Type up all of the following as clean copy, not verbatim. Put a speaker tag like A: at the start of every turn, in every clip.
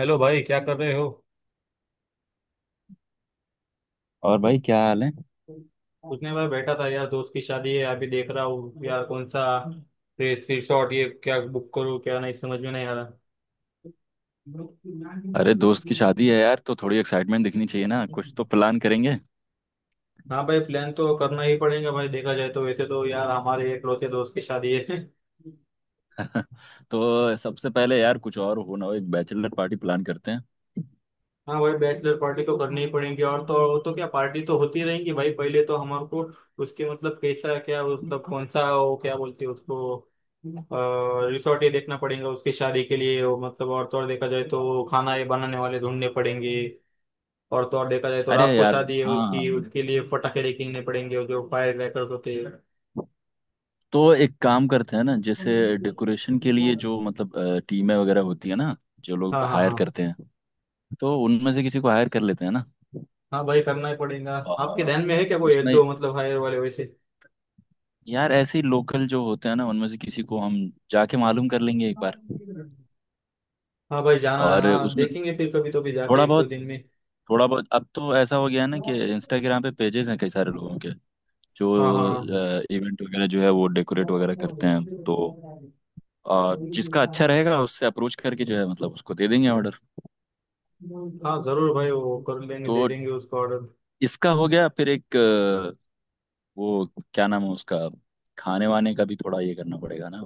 A: Hello भाई, क्या कर रहे हो?
B: और भाई, क्या हाल है।
A: कुछ नहीं भाई, बैठा था यार, दोस्त की शादी है, अभी देख रहा हूँ यार कौन सा रिसोर्ट ये क्या बुक करूँ क्या नहीं, समझ में नहीं आ रहा।
B: अरे दोस्त की शादी है यार, तो थोड़ी एक्साइटमेंट दिखनी चाहिए ना। कुछ तो प्लान करेंगे।
A: हाँ भाई, प्लान तो करना ही पड़ेगा भाई, देखा जाए तो वैसे तो यार हमारे एकलौते दोस्त की शादी है
B: तो सबसे पहले यार, कुछ और हो ना हो, एक बैचलर पार्टी प्लान करते हैं।
A: हाँ भाई, बैचलर पार्टी तो करनी ही पड़ेगी। और तो क्या, पार्टी तो होती रहेंगी भाई, पहले तो हमारे को उसके मतलब कैसा क्या मतलब कौन सा वो क्या बोलते हैं उसको रिसोर्ट ये देखना पड़ेगा उसकी शादी के लिए वो मतलब, और तो और देखा जाए तो खाना ये बनाने वाले ढूंढने पड़ेंगे। और तो और देखा जाए तो
B: अरे
A: रात को
B: यार।
A: शादी है
B: हाँ।
A: उसकी, उसके लिए पटाखे लेके पड़ेंगे और जो फायर क्रैकर्स होते हैं।
B: तो एक काम करते हैं ना, जैसे डेकोरेशन के लिए जो मतलब टीमें वगैरह होती है ना, जो लोग
A: हाँ हाँ
B: हायर
A: हाँ।
B: करते हैं। तो उनमें से किसी को हायर कर लेते हैं ना।
A: हाँ भाई करना ही पड़ेगा, आपके
B: और
A: ध्यान में है क्या कोई एक
B: उसमें
A: दो मतलब हायर वाले वैसे?
B: यार, ऐसे ही लोकल जो होते हैं ना, उनमें से किसी को हम जाके मालूम कर लेंगे एक बार।
A: हाँ भाई जाना है,
B: और
A: हाँ
B: उसमें से
A: देखेंगे फिर कभी तो भी जाके
B: थोड़ा
A: एक दो
B: बहुत
A: दिन में।
B: थोड़ा बहुत अब तो ऐसा हो गया है ना कि इंस्टाग्राम पे पेजेस हैं कई सारे लोगों के,
A: हाँ
B: जो
A: हाँ
B: इवेंट वगैरह जो है वो डेकोरेट वगैरह करते हैं। तो जिसका अच्छा रहेगा उससे अप्रोच करके जो है मतलब उसको दे देंगे ऑर्डर।
A: हाँ, हाँ, जरूर भाई वो कर लेंगे
B: तो
A: दे देंगे उसको ऑर्डर।
B: इसका हो गया। फिर एक वो क्या नाम है उसका, खाने वाने का भी थोड़ा ये करना पड़ेगा ना।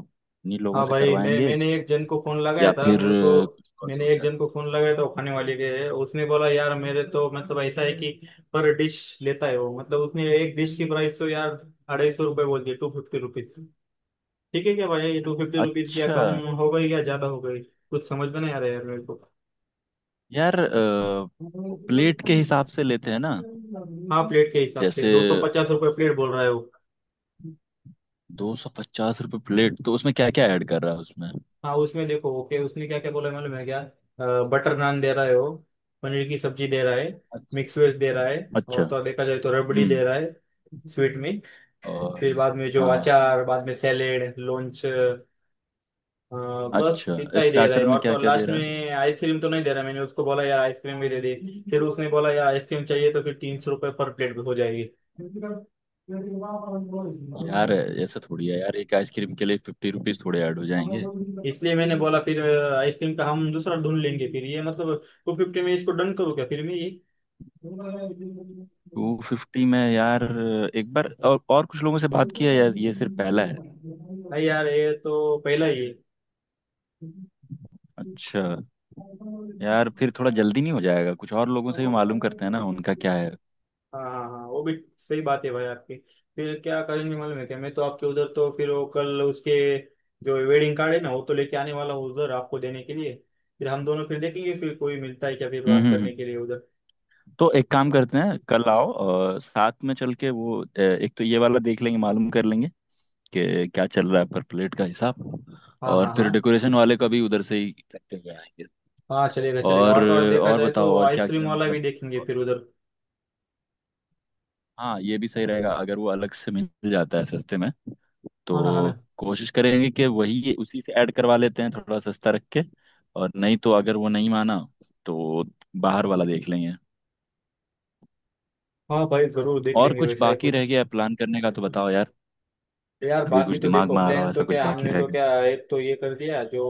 B: इन्हीं लोगों
A: हाँ
B: से
A: भाई मैं
B: करवाएंगे
A: मैंने एक जन को फोन लगाया
B: या
A: था
B: फिर
A: मेरे को।
B: कुछ और
A: मैंने एक
B: सोचा है।
A: जन को फोन लगाया था, वो खाने वाले के है, उसने बोला यार मेरे तो मतलब ऐसा है कि पर डिश लेता है वो, मतलब उसने एक डिश की प्राइस तो यार ₹250 बोल दिए, ₹250। ठीक है क्या भाई, ₹250 क्या
B: अच्छा।
A: कम हो गई या ज्यादा हो गई? कुछ समझ में नहीं आ रहा है यार मेरे को।
B: यार, प्लेट के हिसाब से लेते हैं ना।
A: हाँ, प्लेट के हिसाब से
B: जैसे
A: ₹250 प्लेट बोल रहा है वो।
B: 250 रुपये प्लेट, तो उसमें क्या क्या ऐड कर रहा है उसमें।
A: हाँ उसमें देखो, ओके उसने क्या क्या बोला मालूम है क्या, बटर नान दे रहा है वो, पनीर की सब्जी दे रहा है,
B: अच्छा।
A: मिक्स वेज दे रहा है,
B: अच्छा।
A: और तो और देखा जाए तो रबड़ी
B: हम्म।
A: दे रहा है स्वीट में।
B: और?
A: फिर बाद में जो
B: हाँ हाँ,
A: अचार, बाद में सैलेड लॉन्च, बस
B: अच्छा,
A: इतना ही दे रहा है,
B: स्टार्टर में
A: और तो
B: क्या
A: और
B: क्या दे
A: लास्ट
B: रहा है।
A: में आइसक्रीम तो नहीं दे रहा। मैंने उसको बोला यार आइसक्रीम भी दे दे, फिर उसने बोला यार आइसक्रीम चाहिए तो फिर ₹300 पर प्लेट हो जाएगी।
B: यार ऐसा थोड़ी है यार, एक आइसक्रीम के लिए 50 रुपीज थोड़े ऐड हो जाएंगे।
A: इसलिए मैंने बोला फिर आइसक्रीम का हम दूसरा ढूंढ लेंगे, फिर ये मतलब 250 में इसको डन करूँ क्या फिर मैं ये?
B: 250 में यार, एक बार और कुछ लोगों से बात किया है यार? ये सिर्फ पहला है।
A: नहीं यार ये तो पहला ही है।
B: अच्छा। यार फिर थोड़ा जल्दी नहीं हो जाएगा? कुछ और लोगों से भी मालूम करते हैं ना, उनका क्या है।
A: हाँ हाँ हाँ, वो भी सही बात है भाई आपकी। फिर क्या करेंगे मालूम है क्या, मैं तो आपके उधर तो फिर वो कल उसके जो वेडिंग कार्ड है ना वो तो लेके आने वाला हूँ उधर आपको देने के लिए, फिर हम दोनों फिर देखेंगे फिर कोई मिलता है क्या फिर
B: हम्म
A: बात
B: हम्म हम्म।
A: करने के लिए उधर।
B: तो एक काम करते हैं, कल आओ और साथ में चल के वो एक तो ये वाला देख लेंगे, मालूम कर लेंगे कि क्या चल रहा है पर प्लेट का हिसाब।
A: हाँ
B: और
A: हाँ
B: फिर
A: हाँ।
B: डेकोरेशन वाले का भी उधर से ही करते हुए आएंगे।
A: हाँ चलेगा चलेगा,
B: और
A: और तो और देखा
B: और
A: जाए तो
B: बताओ, और क्या
A: आइसक्रीम
B: क्या
A: वाला भी
B: मतलब,
A: देखेंगे
B: और-
A: फिर उधर।
B: हाँ ये भी सही रहेगा अगर वो अलग से मिल जाता है सस्ते में,
A: हाँ ना हाँ ना।
B: तो कोशिश करेंगे कि वही उसी से ऐड करवा लेते हैं थोड़ा सस्ता रख के। और नहीं तो अगर वो नहीं माना, तो बाहर वाला देख लेंगे।
A: हाँ भाई जरूर देख
B: और
A: लेंगे
B: कुछ
A: वैसा ही
B: बाकी रह
A: कुछ।
B: गया प्लान करने का तो बताओ यार।
A: तो यार
B: अभी
A: बाकी
B: कुछ
A: तो
B: दिमाग
A: देखो
B: में आ रहा हो
A: प्लान तो
B: ऐसा, कुछ
A: क्या,
B: बाकी
A: हमने
B: रह
A: तो
B: गया।
A: क्या एक तो ये कर दिया जो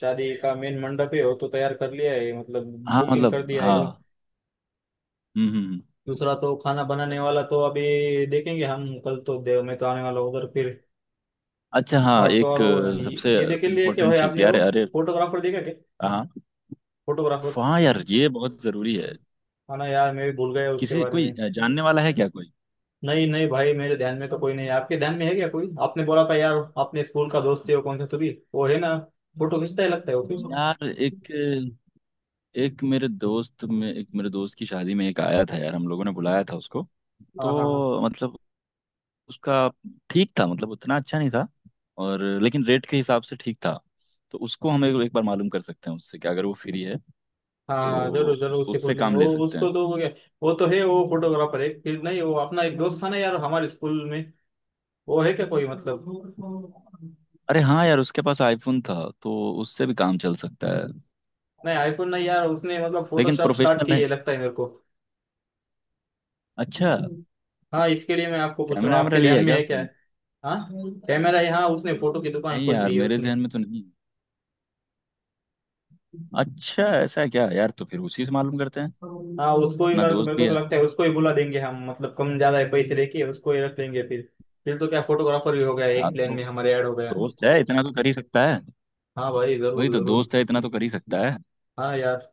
A: शादी का मेन मंडप है वो तो तैयार कर लिया है, मतलब
B: हाँ
A: बुकिंग
B: मतलब,
A: कर दिया है वो।
B: हाँ। हम्म हम्म हम्म।
A: दूसरा तो खाना बनाने वाला तो अभी देखेंगे हम कल तो, देव मैं तो आने वाला हूँ उधर फिर।
B: अच्छा, हाँ,
A: और तो और
B: एक
A: वो ये
B: सबसे
A: ये देख लिए क्या
B: इम्पोर्टेंट
A: भाई
B: चीज
A: आपने
B: यार,
A: वो
B: अरे।
A: फोटोग्राफर देखा क्या?
B: हाँ,
A: फोटोग्राफर।
B: हाँ यार ये बहुत जरूरी है।
A: हाँ ना यार मैं भी भूल गया उसके
B: किसी,
A: बारे
B: कोई
A: में।
B: जानने वाला है क्या कोई?
A: नहीं नहीं भाई मेरे ध्यान में तो कोई नहीं है, आपके ध्यान में है क्या कोई? आपने बोला था यार अपने स्कूल का दोस्त है, वो कौन सा तो भी वो है ना, फोटो खींचता है लगता है वो भी।
B: यार एक मेरे दोस्त में एक मेरे दोस्त की शादी में एक आया था यार, हम लोगों ने बुलाया था उसको।
A: हाँ हाँ हाँ।
B: तो मतलब उसका ठीक था, मतलब उतना अच्छा नहीं था। और लेकिन रेट के हिसाब से ठीक था। तो उसको हम एक बार मालूम कर सकते हैं उससे कि अगर वो फ्री है,
A: हाँ जरूर
B: तो
A: जरूर उससे
B: उससे
A: पूछ लेंगे
B: काम
A: वो
B: ले सकते हैं।
A: उसको, तो वो, क्या- वो तो है वो फोटोग्राफर है, फिर नहीं वो अपना एक दोस्त था ना यार हमारे स्कूल में, वो है क्या कोई मतलब।
B: अरे हाँ यार, उसके पास आईफोन था, तो उससे भी काम चल सकता है।
A: नहीं आईफोन नहीं, यार उसने मतलब
B: लेकिन
A: फोटोशॉप स्टार्ट
B: प्रोफेशनल
A: की
B: है?
A: है लगता है मेरे को।
B: अच्छा,
A: हाँ इसके लिए मैं आपको पूछ रहा
B: कैमरा
A: हूँ,
B: वैमरा
A: आपके
B: लिया
A: ध्यान
B: है
A: में
B: क्या
A: है क्या?
B: उसने?
A: हाँ। कैमरा है हाँ, उसने फोटो की दुकान
B: नहीं
A: खोल
B: यार,
A: दी है
B: मेरे
A: उसने।
B: जहन में तो नहीं। अच्छा, ऐसा है क्या यार? तो फिर उसी से मालूम करते हैं।
A: हाँ उसको ही,
B: अपना
A: मेरे को
B: दोस्त
A: मेरे को
B: भी
A: तो
B: है।
A: लगता है उसको ही बुला देंगे हम, मतलब कम ज्यादा है पैसे लेके उसको ही रख लेंगे फिर। फिर तो क्या, फोटोग्राफर भी हो गया एक,
B: हाँ,
A: प्लान
B: तो
A: में हमारे ऐड हो गया।
B: दोस्त है इतना तो कर ही सकता है।
A: हाँ भाई
B: वही
A: जरूर
B: तो
A: जरूर।
B: दोस्त है, इतना तो कर ही सकता है।
A: हाँ यार।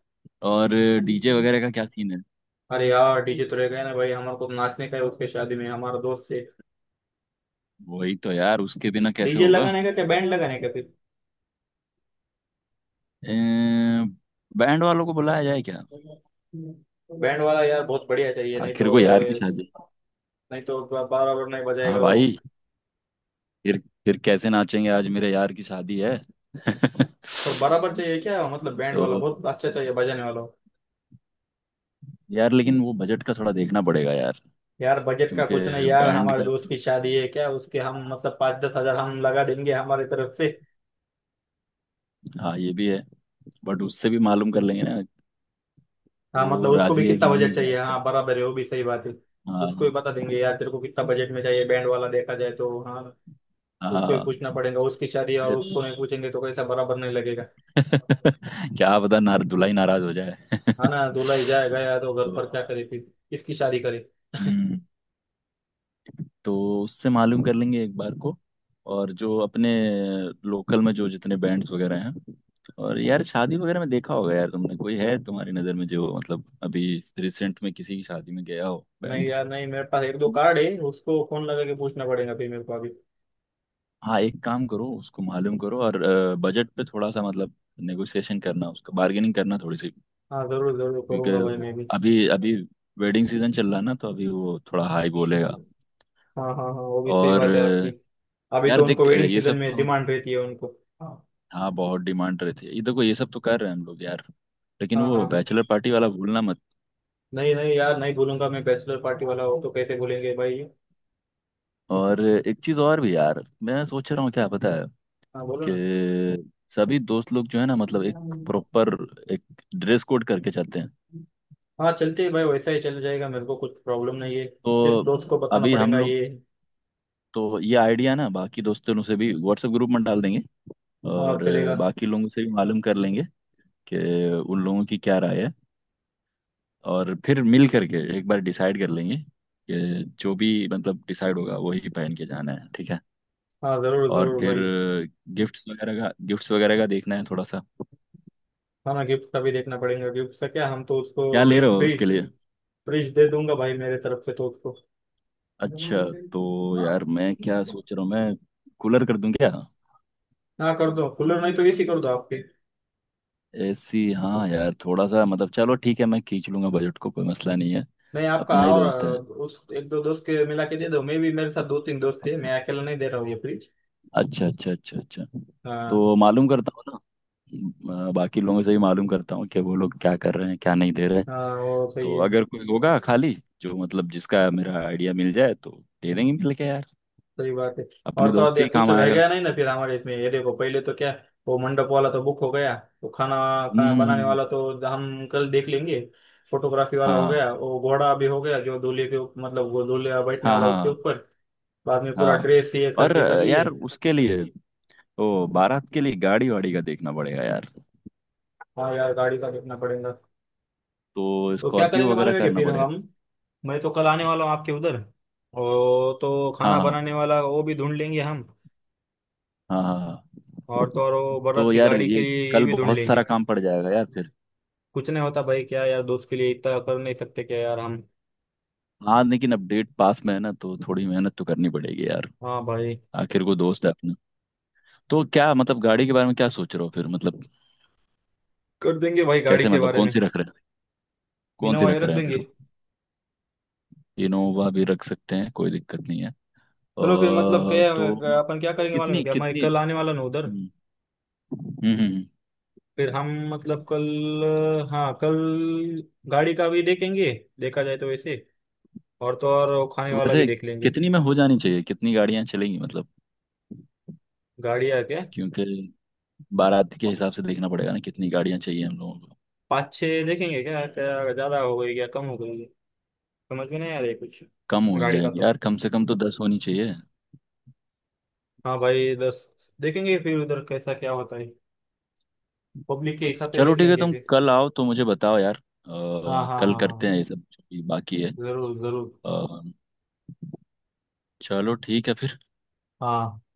B: और डीजे वगैरह का क्या सीन है?
A: अरे यार डीजे तो रह गए ना भाई, हमारे को तो नाचने का है उसके शादी में हमारा दोस्त से।
B: वही तो यार, उसके बिना कैसे
A: डीजे
B: होगा।
A: लगाने का क्या बैंड लगाने का फिर।
B: बैंड वालों को बुलाया जाए क्या?
A: बैंड वाला यार बहुत बढ़िया चाहिए, नहीं
B: आखिर
A: तो,
B: को यार की शादी।
A: नहीं तो बराबर नहीं
B: हाँ
A: बजाएगा वो।
B: भाई। फिर फिर कैसे नाचेंगे, आज मेरे यार की शादी है।
A: और बराबर चाहिए क्या, मतलब बैंड वाला
B: तो
A: बहुत अच्छा चाहिए बजाने वाला।
B: यार, लेकिन वो बजट का थोड़ा देखना पड़ेगा यार,
A: यार बजट का
B: क्योंकि
A: कुछ नहीं यार,
B: बैंड
A: हमारे
B: का
A: दोस्त
B: तो,
A: की शादी है क्या उसके, हम मतलब 5-10 हजार हम लगा देंगे हमारी तरफ से।
B: हाँ ये भी है। बट उससे भी मालूम कर लेंगे ना,
A: हाँ मतलब
B: वो
A: उसको भी
B: राजी है कि
A: कितना
B: नहीं
A: बजट
B: इस
A: चाहिए,
B: बात पे।
A: हाँ बराबर है, वो भी सही बात है। उसको भी
B: हाँ,
A: बता देंगे यार तेरे को कितना बजट में चाहिए बैंड वाला, देखा जाए तो हाँ। उसको ही
B: हाँ।
A: पूछना पड़ेगा, उसकी शादी है और उसको नहीं पूछेंगे तो कैसा, बराबर नहीं लगेगा।
B: क्या पता ना, दुल्हा ही नाराज हो जाए।
A: है ना, दूल्हा ही जाएगा यार तो घर
B: तो,
A: पर क्या करे फिर, किसकी शादी करे?
B: हम्म तो उससे मालूम कर लेंगे एक बार को। और जो अपने लोकल में जो जितने बैंड्स वगैरह हैं, और यार शादी वगैरह में देखा होगा यार तुमने, कोई है तुम्हारी नज़र में जो मतलब अभी रिसेंट में किसी की शादी में गया हो,
A: नहीं
B: बैंड।
A: यार नहीं, मेरे पास एक दो कार्ड है, उसको फोन लगा के पूछना पड़ेगा फिर मेरे को अभी।
B: हाँ एक काम करो, उसको मालूम करो और बजट पे थोड़ा सा मतलब नेगोशिएशन करना, उसका बार्गेनिंग करना थोड़ी सी,
A: हाँ जरूर जरूर करूंगा भाई
B: क्योंकि
A: मैं भी।
B: अभी अभी वेडिंग सीजन चल रहा है ना, तो अभी वो थोड़ा हाई बोलेगा।
A: हाँ हाँ हाँ, वो भी सही
B: और
A: बात है आपकी। अभी
B: यार
A: तो उनको
B: देख
A: वेडिंग
B: ये
A: सीजन
B: सब
A: में
B: तो,
A: डिमांड रहती है उनको। हाँ
B: हाँ बहुत डिमांड रहती है। ये देखो ये सब तो कर रहे हैं हम लोग यार, लेकिन
A: हाँ
B: वो
A: हाँ।
B: बैचलर पार्टी वाला भूलना मत।
A: नहीं नहीं यार नहीं भूलूंगा मैं, बैचलर पार्टी वाला हो तो कैसे भूलेंगे भाई।
B: और एक चीज और भी यार, मैं सोच रहा हूँ, क्या पता है,
A: हाँ बोलो
B: कि
A: ना।
B: सभी दोस्त लोग जो है ना मतलब एक ड्रेस कोड करके चलते हैं।
A: हाँ चलते हैं भाई वैसा ही चल जाएगा, मेरे को कुछ प्रॉब्लम नहीं है, सिर्फ
B: तो
A: दोस्त को बताना
B: अभी हम
A: पड़ेगा
B: लोग,
A: ये।
B: तो ये आइडिया ना बाकी दोस्तों से भी व्हाट्सएप ग्रुप में डाल देंगे।
A: और
B: और
A: चलेगा।
B: बाकी लोगों से भी मालूम कर लेंगे कि उन लोगों की क्या राय है। और फिर मिल करके एक बार डिसाइड कर लेंगे, कि जो भी मतलब डिसाइड होगा वही पहन के जाना है, ठीक है।
A: हाँ जरूर
B: और
A: जरूर
B: फिर
A: भाई।
B: गिफ्ट्स वगैरह का देखना है थोड़ा सा।
A: हमें गिफ्ट का भी देखना पड़ेगा, गिफ्ट का क्या हम तो
B: क्या
A: उसको
B: ले
A: एक
B: रहे हो
A: फ्रिज,
B: उसके लिए?
A: फ्रिज दे दूंगा भाई मेरे तरफ से तो उसको।
B: अच्छा। तो यार मैं क्या सोच रहा हूँ, मैं कूलर कर दूं क्या?
A: हाँ कर दो कूलर, नहीं तो एसी कर दो आपकी।
B: एसी? हाँ यार थोड़ा सा मतलब, चलो ठीक है, मैं खींच लूंगा बजट को, कोई मसला नहीं है।
A: नहीं आपका
B: अपना ही
A: और
B: दोस्त है।
A: उस एक दो दोस्त के मिला के दे दो, मैं भी मेरे साथ दो तीन दोस्त थे, मैं अकेला नहीं दे रहा हूँ ये फ्रिज।
B: अच्छा, अच्छा, अच्छा, अच्छा।
A: हाँ।
B: तो मालूम करता हूँ ना, बाकी लोगों से भी मालूम करता हूँ कि वो लोग क्या कर रहे हैं, क्या नहीं दे रहे।
A: हाँ वो सही
B: तो
A: है,
B: अगर कोई होगा खाली, जो मतलब जिसका मेरा आइडिया मिल जाए, तो दे देंगे मिल के यार।
A: सही बात है। और
B: अपने
A: तो और
B: दोस्त के
A: देख,
B: ही
A: कुछ
B: काम
A: रह
B: आएगा।
A: गया नहीं ना फिर हमारे इसमें, ये देखो पहले तो क्या, वो मंडप वाला तो बुक हो गया, वो खाना,
B: हम्म
A: खाना
B: हम्म, हम्म,
A: बनाने
B: हम्म।
A: वाला तो हम कल देख लेंगे, फोटोग्राफी वाला हो
B: हाँ
A: गया, वो घोड़ा भी हो गया जो दूल्हे के ऊप- मतलब वो दूल्हे बैठने
B: हाँ
A: वाला उसके
B: हाँ,
A: ऊपर, बाद में पूरा
B: हाँ।
A: ड्रेस ये
B: और
A: खरीदी कर
B: यार
A: लिए।
B: उसके लिए, ओ बारात के लिए गाड़ी वाड़ी का देखना पड़ेगा यार।
A: हाँ यार गाड़ी का देखना पड़ेगा।
B: तो
A: तो क्या
B: स्कॉर्पियो
A: करेंगे
B: वगैरह
A: मालूम है कि
B: करना
A: फिर
B: पड़ेगा।
A: हम, मैं तो कल आने वाला हूँ आपके उधर, और तो
B: हाँ
A: खाना
B: हाँ
A: बनाने वाला वो भी ढूंढ लेंगे हम,
B: हाँ, हाँ
A: और
B: हाँ।
A: तो और वो बारात
B: तो
A: की
B: यार
A: गाड़ी के
B: ये,
A: लिए ये
B: कल
A: भी ढूंढ
B: बहुत सारा
A: लेंगे।
B: काम पड़ जाएगा यार फिर।
A: कुछ नहीं होता भाई क्या, यार दोस्त के लिए इतना कर नहीं सकते क्या यार हम।
B: हाँ लेकिन अब डेट पास में है ना, तो थोड़ी मेहनत तो करनी पड़ेगी यार।
A: हाँ भाई।
B: आखिर को दोस्त है अपना। तो क्या मतलब गाड़ी के बारे में क्या सोच रहे हो फिर मतलब?
A: कर देंगे भाई गाड़ी
B: कैसे
A: के
B: मतलब,
A: बारे
B: कौन
A: में।
B: सी रख रहे हैं कौन सी
A: इनोवा ही
B: रख
A: रख
B: रहे हैं
A: देंगे।
B: फिर? इनोवा भी रख सकते हैं, कोई दिक्कत नहीं है।
A: चलो फिर मतलब क्या,
B: तो
A: अपन क्या करेंगे मालूम
B: कितनी
A: है क्या, मैं
B: कितनी।
A: कल आने वाला ना उधर,
B: हम्म। हम्म।
A: फिर हम मतलब कल, हाँ कल गाड़ी का भी देखेंगे, देखा जाए तो वैसे, और तो और वो खाने
B: तो
A: वाला भी
B: वैसे
A: देख लेंगे।
B: कितनी में हो जानी चाहिए, कितनी गाड़ियां चलेंगी मतलब?
A: गाड़ियाँ क्या,
B: क्योंकि बारात के
A: पा-
B: हिसाब से देखना पड़ेगा ना, कितनी गाड़ियां चाहिए हम लोगों को।
A: पाँच छः देखेंगे क्या, क्या ज़्यादा हो गई क्या कम हो गई, समझ में नहीं आ रही कुछ
B: कम हो
A: गाड़ी का
B: जाएंगी
A: तो।
B: यार, कम से कम तो 10 होनी चाहिए।
A: हाँ भाई 10 देखेंगे फिर उधर कैसा क्या होता है, पब्लिक के हिसाब से
B: चलो
A: देख
B: ठीक है,
A: लेंगे
B: तुम
A: फिर।
B: कल आओ तो मुझे बताओ यार।
A: हाँ हाँ
B: कल
A: हाँ हाँ,
B: करते
A: हाँ,
B: हैं ये सब जो भी बाकी है।
A: जरूर जरूर।
B: अ, चलो ठीक है फिर।
A: हाँ।